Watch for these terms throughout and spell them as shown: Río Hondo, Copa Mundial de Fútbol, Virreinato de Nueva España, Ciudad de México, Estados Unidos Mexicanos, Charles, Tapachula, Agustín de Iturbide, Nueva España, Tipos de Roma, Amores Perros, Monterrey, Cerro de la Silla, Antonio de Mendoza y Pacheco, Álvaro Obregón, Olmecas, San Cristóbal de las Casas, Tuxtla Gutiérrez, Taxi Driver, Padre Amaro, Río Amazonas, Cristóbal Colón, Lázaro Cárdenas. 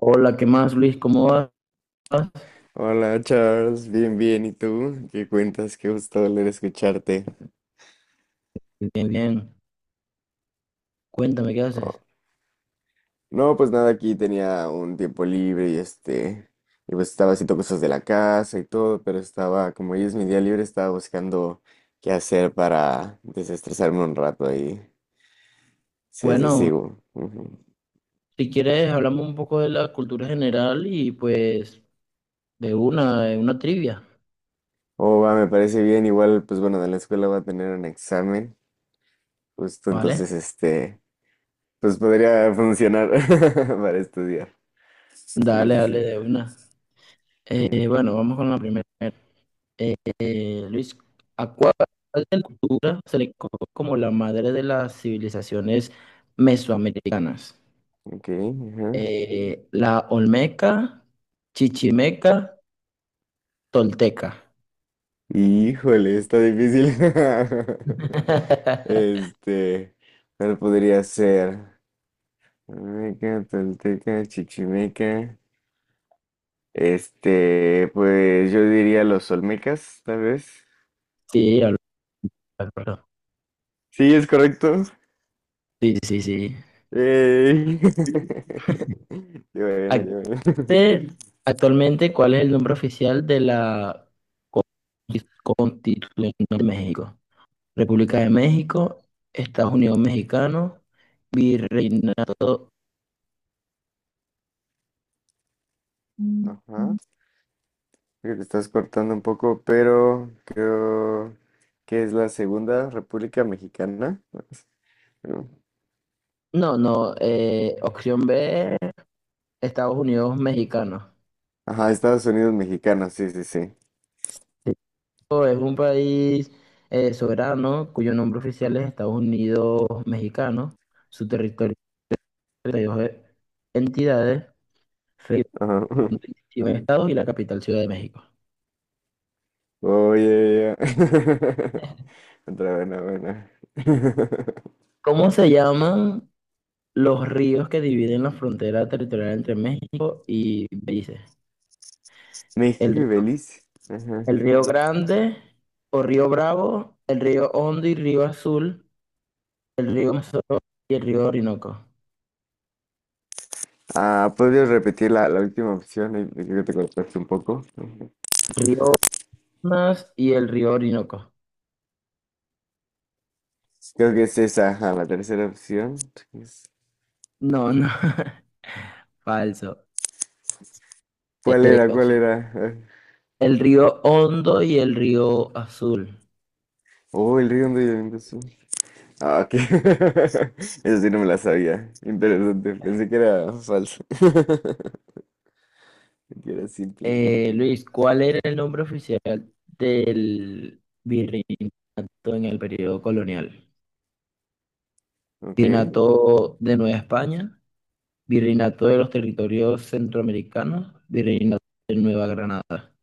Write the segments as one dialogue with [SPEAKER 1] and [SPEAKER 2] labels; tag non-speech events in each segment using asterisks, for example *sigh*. [SPEAKER 1] Hola, ¿qué más, Luis? ¿Cómo vas?
[SPEAKER 2] Hola Charles, bien, bien, ¿y tú? ¿Qué cuentas? Qué gusto volver a escucharte.
[SPEAKER 1] Bien, bien. Cuéntame, ¿qué
[SPEAKER 2] Oh,
[SPEAKER 1] haces?
[SPEAKER 2] no, pues nada, aquí tenía un tiempo libre y pues estaba haciendo cosas de la casa y todo, pero estaba, como hoy es mi día libre, estaba buscando qué hacer para desestresarme un rato y sí, sí,
[SPEAKER 1] Bueno,
[SPEAKER 2] sigo. Ujú.
[SPEAKER 1] si quieres, hablamos un poco de la cultura general y pues de una trivia,
[SPEAKER 2] Oh, va, me parece bien, igual, pues bueno, de la escuela va a tener un examen, justo
[SPEAKER 1] ¿vale?
[SPEAKER 2] entonces, pues podría funcionar *laughs* para estudiar. Así
[SPEAKER 1] Dale,
[SPEAKER 2] es, así
[SPEAKER 1] dale, de una.
[SPEAKER 2] es.
[SPEAKER 1] Bueno, vamos con la primera. Eh, Luis, ¿a cuál de la cultura se le conoce como la madre de las civilizaciones mesoamericanas?
[SPEAKER 2] Ok, ajá.
[SPEAKER 1] La Olmeca, Chichimeca, Tolteca.
[SPEAKER 2] Híjole, está difícil. *laughs*
[SPEAKER 1] *laughs*
[SPEAKER 2] Este, ¿Cuál podría ser? Olmeca, Tolteca, Chichimeca. Pues yo diría los Olmecas, tal vez.
[SPEAKER 1] Sí, Álvaro.
[SPEAKER 2] Sí, es correcto.
[SPEAKER 1] Sí, sí, sí.
[SPEAKER 2] Ey. *laughs* Qué bueno,
[SPEAKER 1] Ac-
[SPEAKER 2] qué bueno.
[SPEAKER 1] te- Actualmente, ¿cuál es el nombre oficial de la Constitución de México? República de México, Estados Unidos Mexicano, Virreinato.
[SPEAKER 2] *laughs* Ajá. Creo que estás cortando un poco, pero creo que es la Segunda República Mexicana, ¿no?
[SPEAKER 1] No, no, opción B, Estados Unidos Mexicano.
[SPEAKER 2] Ajá, Estados Unidos mexicano, sí, sí, sí.
[SPEAKER 1] México es un país soberano cuyo nombre oficial es Estados Unidos Mexicano, su territorio es de 32 entidades,
[SPEAKER 2] Ajá.
[SPEAKER 1] 21 estados y la capital Ciudad de México.
[SPEAKER 2] *laughs* Oye, ya. *laughs* Otra buena, buena. *laughs*
[SPEAKER 1] ¿Cómo se llaman los ríos que dividen la frontera territorial entre México y Belice?
[SPEAKER 2] México
[SPEAKER 1] El
[SPEAKER 2] y
[SPEAKER 1] río,
[SPEAKER 2] Belice. Ajá.
[SPEAKER 1] el río Grande o Río Bravo, el río Hondo y Río Azul, el río Amazonas y el río Orinoco.
[SPEAKER 2] Ah, ¿podrías repetir la, última opción? Ahí creo que te cortaste un poco. Ajá.
[SPEAKER 1] Río Amazonas y el río Orinoco.
[SPEAKER 2] Creo que es esa, ajá, la tercera opción. Es-
[SPEAKER 1] No, no, *laughs* falso.
[SPEAKER 2] ¿Cuál era? ¿Cuál
[SPEAKER 1] Opción:
[SPEAKER 2] era? Ah,
[SPEAKER 1] el río Hondo y el río Azul.
[SPEAKER 2] Oh, el río donde yo vengo, sí. Ah, ok. *laughs* Eso sí no me la sabía. Interesante. Pensé que era falso. *laughs* Que era simple.
[SPEAKER 1] Luis, ¿cuál era el nombre oficial del virreinato en el periodo colonial?
[SPEAKER 2] Ok.
[SPEAKER 1] Virreinato de Nueva España, Virreinato de los Territorios Centroamericanos, Virreinato de Nueva Granada.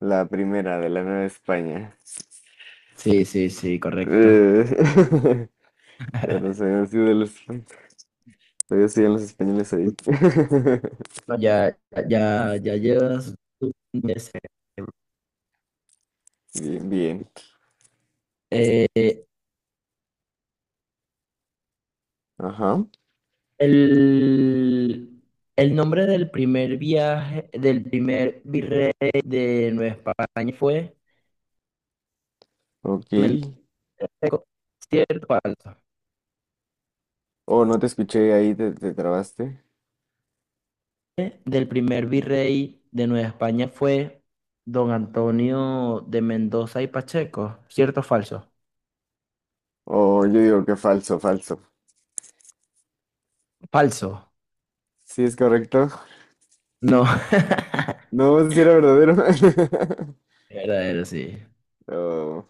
[SPEAKER 2] La primera de la Nueva España.
[SPEAKER 1] Sí, sí, sí, correcto.
[SPEAKER 2] Eh, *laughs* ya no sabían sido de los... Todavía siguen los españoles ahí.
[SPEAKER 1] Bueno, ya, ya, ya llevas
[SPEAKER 2] *laughs* Bien, bien.
[SPEAKER 1] eh,
[SPEAKER 2] Ajá.
[SPEAKER 1] el, el nombre del primer virrey de Nueva España fue
[SPEAKER 2] Ok.
[SPEAKER 1] Seco. ¿Cierto o falso?
[SPEAKER 2] O no te escuché ahí, te trabaste.
[SPEAKER 1] Del primer virrey de Nueva España fue don Antonio de Mendoza y Pacheco. ¿Cierto o falso?
[SPEAKER 2] O yo digo que falso, falso.
[SPEAKER 1] Falso.
[SPEAKER 2] Sí, es correcto.
[SPEAKER 1] No. *laughs*
[SPEAKER 2] No, si era verdadero. *laughs*
[SPEAKER 1] Verdadero, sí.
[SPEAKER 2] Oh,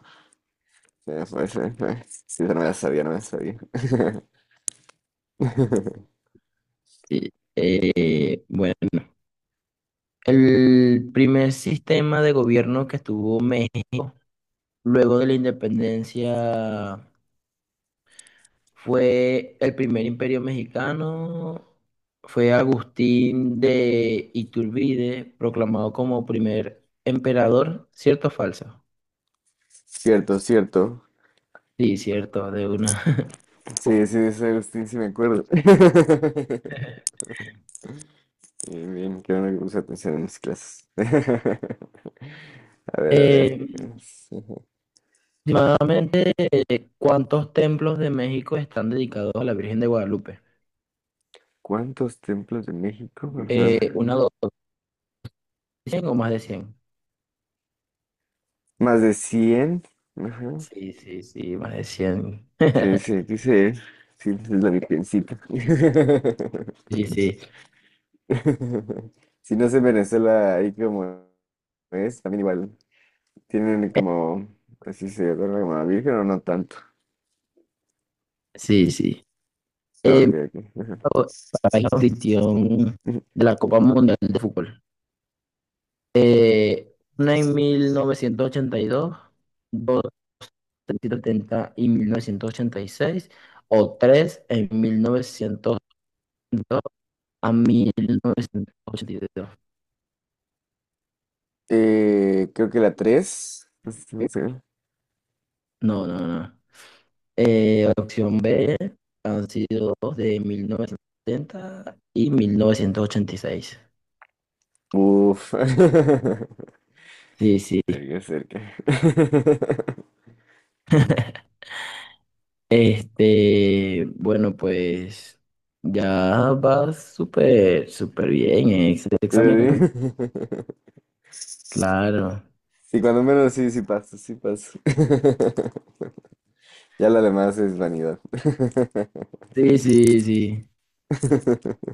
[SPEAKER 2] se fue, se fue. Sí, no me la sabía, no me la sabía. *laughs*
[SPEAKER 1] Sí. Bueno, el primer sistema de gobierno que tuvo México luego de la independencia fue el primer imperio mexicano, fue Agustín de Iturbide, proclamado como primer emperador, ¿cierto o falso?
[SPEAKER 2] Cierto, cierto.
[SPEAKER 1] Sí, cierto, de una. *laughs*
[SPEAKER 2] Sí, sí, de San Agustín, sí me acuerdo. *laughs* Bien, bien, que no me puse atención en mis clases. *laughs* A ver, a ver.
[SPEAKER 1] Eh,
[SPEAKER 2] Es, ajá.
[SPEAKER 1] Aproximadamente, ¿cuántos templos de México están dedicados a la Virgen de Guadalupe?
[SPEAKER 2] ¿Cuántos templos de México? Ajá.
[SPEAKER 1] ¿Una, dos, cien o más de cien?
[SPEAKER 2] Más de 100. Ajá.
[SPEAKER 1] Sí, sí, sí, más de cien.
[SPEAKER 2] Sí, sí,
[SPEAKER 1] *laughs*
[SPEAKER 2] aquí se... Sí, es la virgencita.
[SPEAKER 1] Sí, sí,
[SPEAKER 2] *laughs* Si no sé, en Venezuela, ahí como es, también igual. Tienen como... Así se adora como a la virgen o no tanto.
[SPEAKER 1] sí, sí.
[SPEAKER 2] No,
[SPEAKER 1] Eh,
[SPEAKER 2] ok, ok, ajá.
[SPEAKER 1] para la inscripción
[SPEAKER 2] *laughs*
[SPEAKER 1] de la Copa Mundial de Fútbol. Una en 1982, dos en 1970 y 1986, o tres en 1982 a 1982.
[SPEAKER 2] Creo que la tres.
[SPEAKER 1] No, no, no. Opción B, han sido dos: de 1970 y 1986.
[SPEAKER 2] Uf. *laughs*
[SPEAKER 1] Sí, sí.
[SPEAKER 2] Cerca, cerca. *laughs*
[SPEAKER 1] *laughs* Este, bueno, pues ya va súper, súper bien en ese
[SPEAKER 2] Sí,
[SPEAKER 1] examen, claro.
[SPEAKER 2] sí, cuando menos sí, sí pasa, sí pasa. *laughs* Ya lo demás es vanidad. *laughs*
[SPEAKER 1] Sí, sí, sí.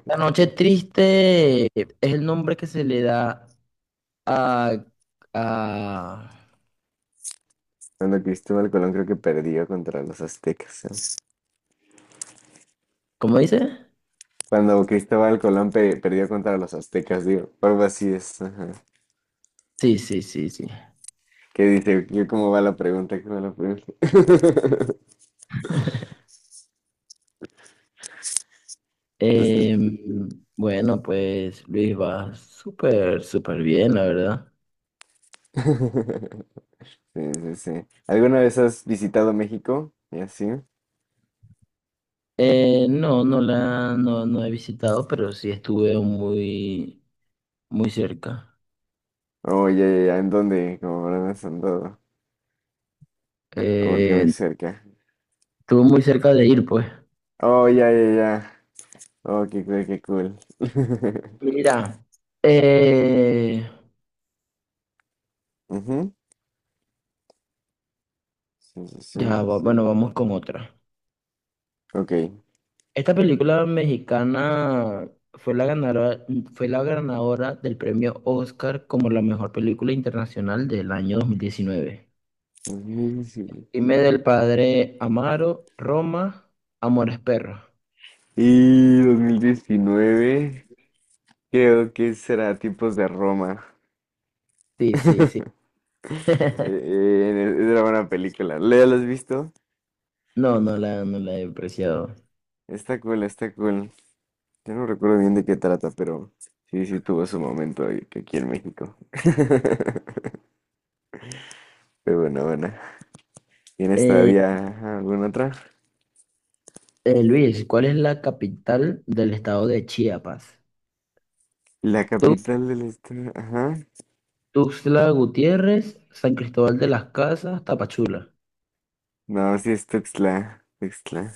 [SPEAKER 1] La noche triste es el nombre que se le da a, a-
[SPEAKER 2] Cuando Cristóbal Colón creo que perdió contra los aztecas, ¿eh?
[SPEAKER 1] ¿cómo dice?
[SPEAKER 2] Cuando Cristóbal Colón perdió contra los aztecas, digo, algo así es. Ajá.
[SPEAKER 1] Sí, sí, sí, sí.
[SPEAKER 2] ¿Qué dice? ¿Cómo va la pregunta? ¿Cómo va la pregunta? *laughs* Pues,
[SPEAKER 1] Bueno, pues Luis va súper, súper bien, la verdad.
[SPEAKER 2] *laughs* sí, sí, sí. ¿Alguna vez has visitado México? ¿Y así?
[SPEAKER 1] No, no, no he visitado, pero sí estuve muy, muy cerca.
[SPEAKER 2] Oh, ya, ya, ya. ¿En dónde? ¿Cómo habrás andado? Porque muy
[SPEAKER 1] Eh,
[SPEAKER 2] cerca.
[SPEAKER 1] Estuve muy cerca de ir, pues.
[SPEAKER 2] Oh, ya, ya, ya. Oh, qué cool, qué cool. *laughs*
[SPEAKER 1] Mira, eh,
[SPEAKER 2] Ujú, sí, sí, sí.
[SPEAKER 1] bueno, vamos con otra.
[SPEAKER 2] Ok.
[SPEAKER 1] Esta película mexicana fue la ganadora, fue la ganadora del premio Oscar como la mejor película internacional del año 2019.
[SPEAKER 2] 2019.
[SPEAKER 1] Dime, del padre Amaro, Roma, Amores Perros.
[SPEAKER 2] Y 2019 creo que será Tipos de Roma.
[SPEAKER 1] Sí, sí, sí.
[SPEAKER 2] Es una buena película. ¿La has visto?
[SPEAKER 1] No, no la he apreciado.
[SPEAKER 2] Está cool, está cool. Yo no recuerdo bien de qué trata, pero sí, sí tuvo su momento aquí en México. *laughs* Pero bueno, bueno. ¿Tienes
[SPEAKER 1] Eh,
[SPEAKER 2] todavía alguna otra?
[SPEAKER 1] Luis, ¿cuál es la capital del estado de Chiapas?
[SPEAKER 2] La
[SPEAKER 1] Tu-
[SPEAKER 2] capital del estado. Ajá.
[SPEAKER 1] Tuxtla Gutiérrez, San Cristóbal de las Casas, Tapachula.
[SPEAKER 2] No, sí es Tuxtla, Tuxtla.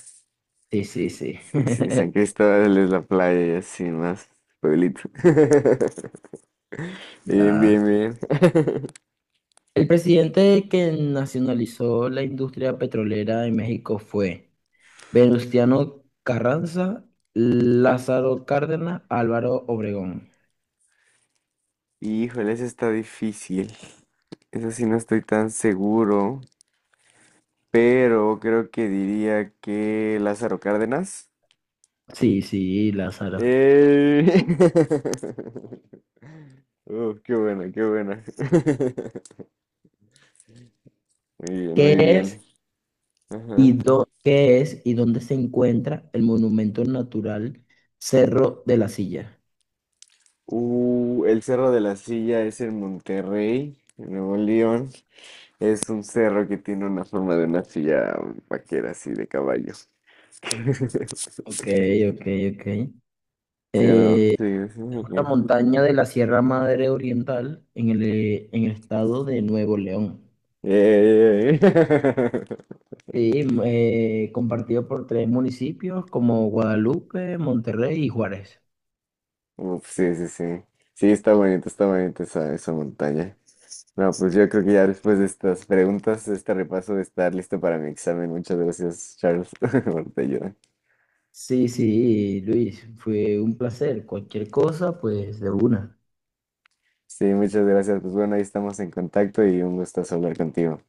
[SPEAKER 1] Sí, sí, sí.
[SPEAKER 2] Sí, sí, San
[SPEAKER 1] *laughs*
[SPEAKER 2] Cristóbal es la playa y así más pueblito. *laughs* Bien,
[SPEAKER 1] Ya.
[SPEAKER 2] bien, bien.
[SPEAKER 1] El presidente que nacionalizó la industria petrolera en México fue Venustiano Carranza, Lázaro Cárdenas, Álvaro Obregón.
[SPEAKER 2] Híjole, eso está difícil. Eso sí no estoy tan seguro, pero creo que diría que Lázaro Cárdenas.
[SPEAKER 1] Sí, sí, Lázaro.
[SPEAKER 2] ¡Eh! *laughs* Qué buena, qué buena. *laughs* Muy bien,
[SPEAKER 1] ¿Qué
[SPEAKER 2] muy bien.
[SPEAKER 1] es
[SPEAKER 2] Ajá.
[SPEAKER 1] qué es y dónde se encuentra el monumento natural Cerro de la Silla?
[SPEAKER 2] El Cerro de la Silla es en Monterrey, en Nuevo León. Es un cerro que tiene una forma de una silla vaquera así de caballo. *laughs*
[SPEAKER 1] Ok, ok, ok.
[SPEAKER 2] ¿Sí o no?
[SPEAKER 1] Eh,
[SPEAKER 2] Sí, sí,
[SPEAKER 1] es una
[SPEAKER 2] ok.
[SPEAKER 1] montaña de la Sierra Madre Oriental en el estado de Nuevo León.
[SPEAKER 2] Eh, eh, eh.
[SPEAKER 1] Sí, compartido por tres municipios como Guadalupe, Monterrey y Juárez.
[SPEAKER 2] *laughs* Uf, sí, sí, sí. Sí, está bonito esa montaña. No, pues yo creo que ya después de estas preguntas, este repaso de estar listo para mi examen. Muchas gracias, Charles, *laughs* por tu ayuda.
[SPEAKER 1] Sí, sí, Luis, fue un placer. Cualquier cosa, pues de una.
[SPEAKER 2] Sí, muchas gracias. Pues bueno, ahí estamos en contacto y un gusto hablar contigo.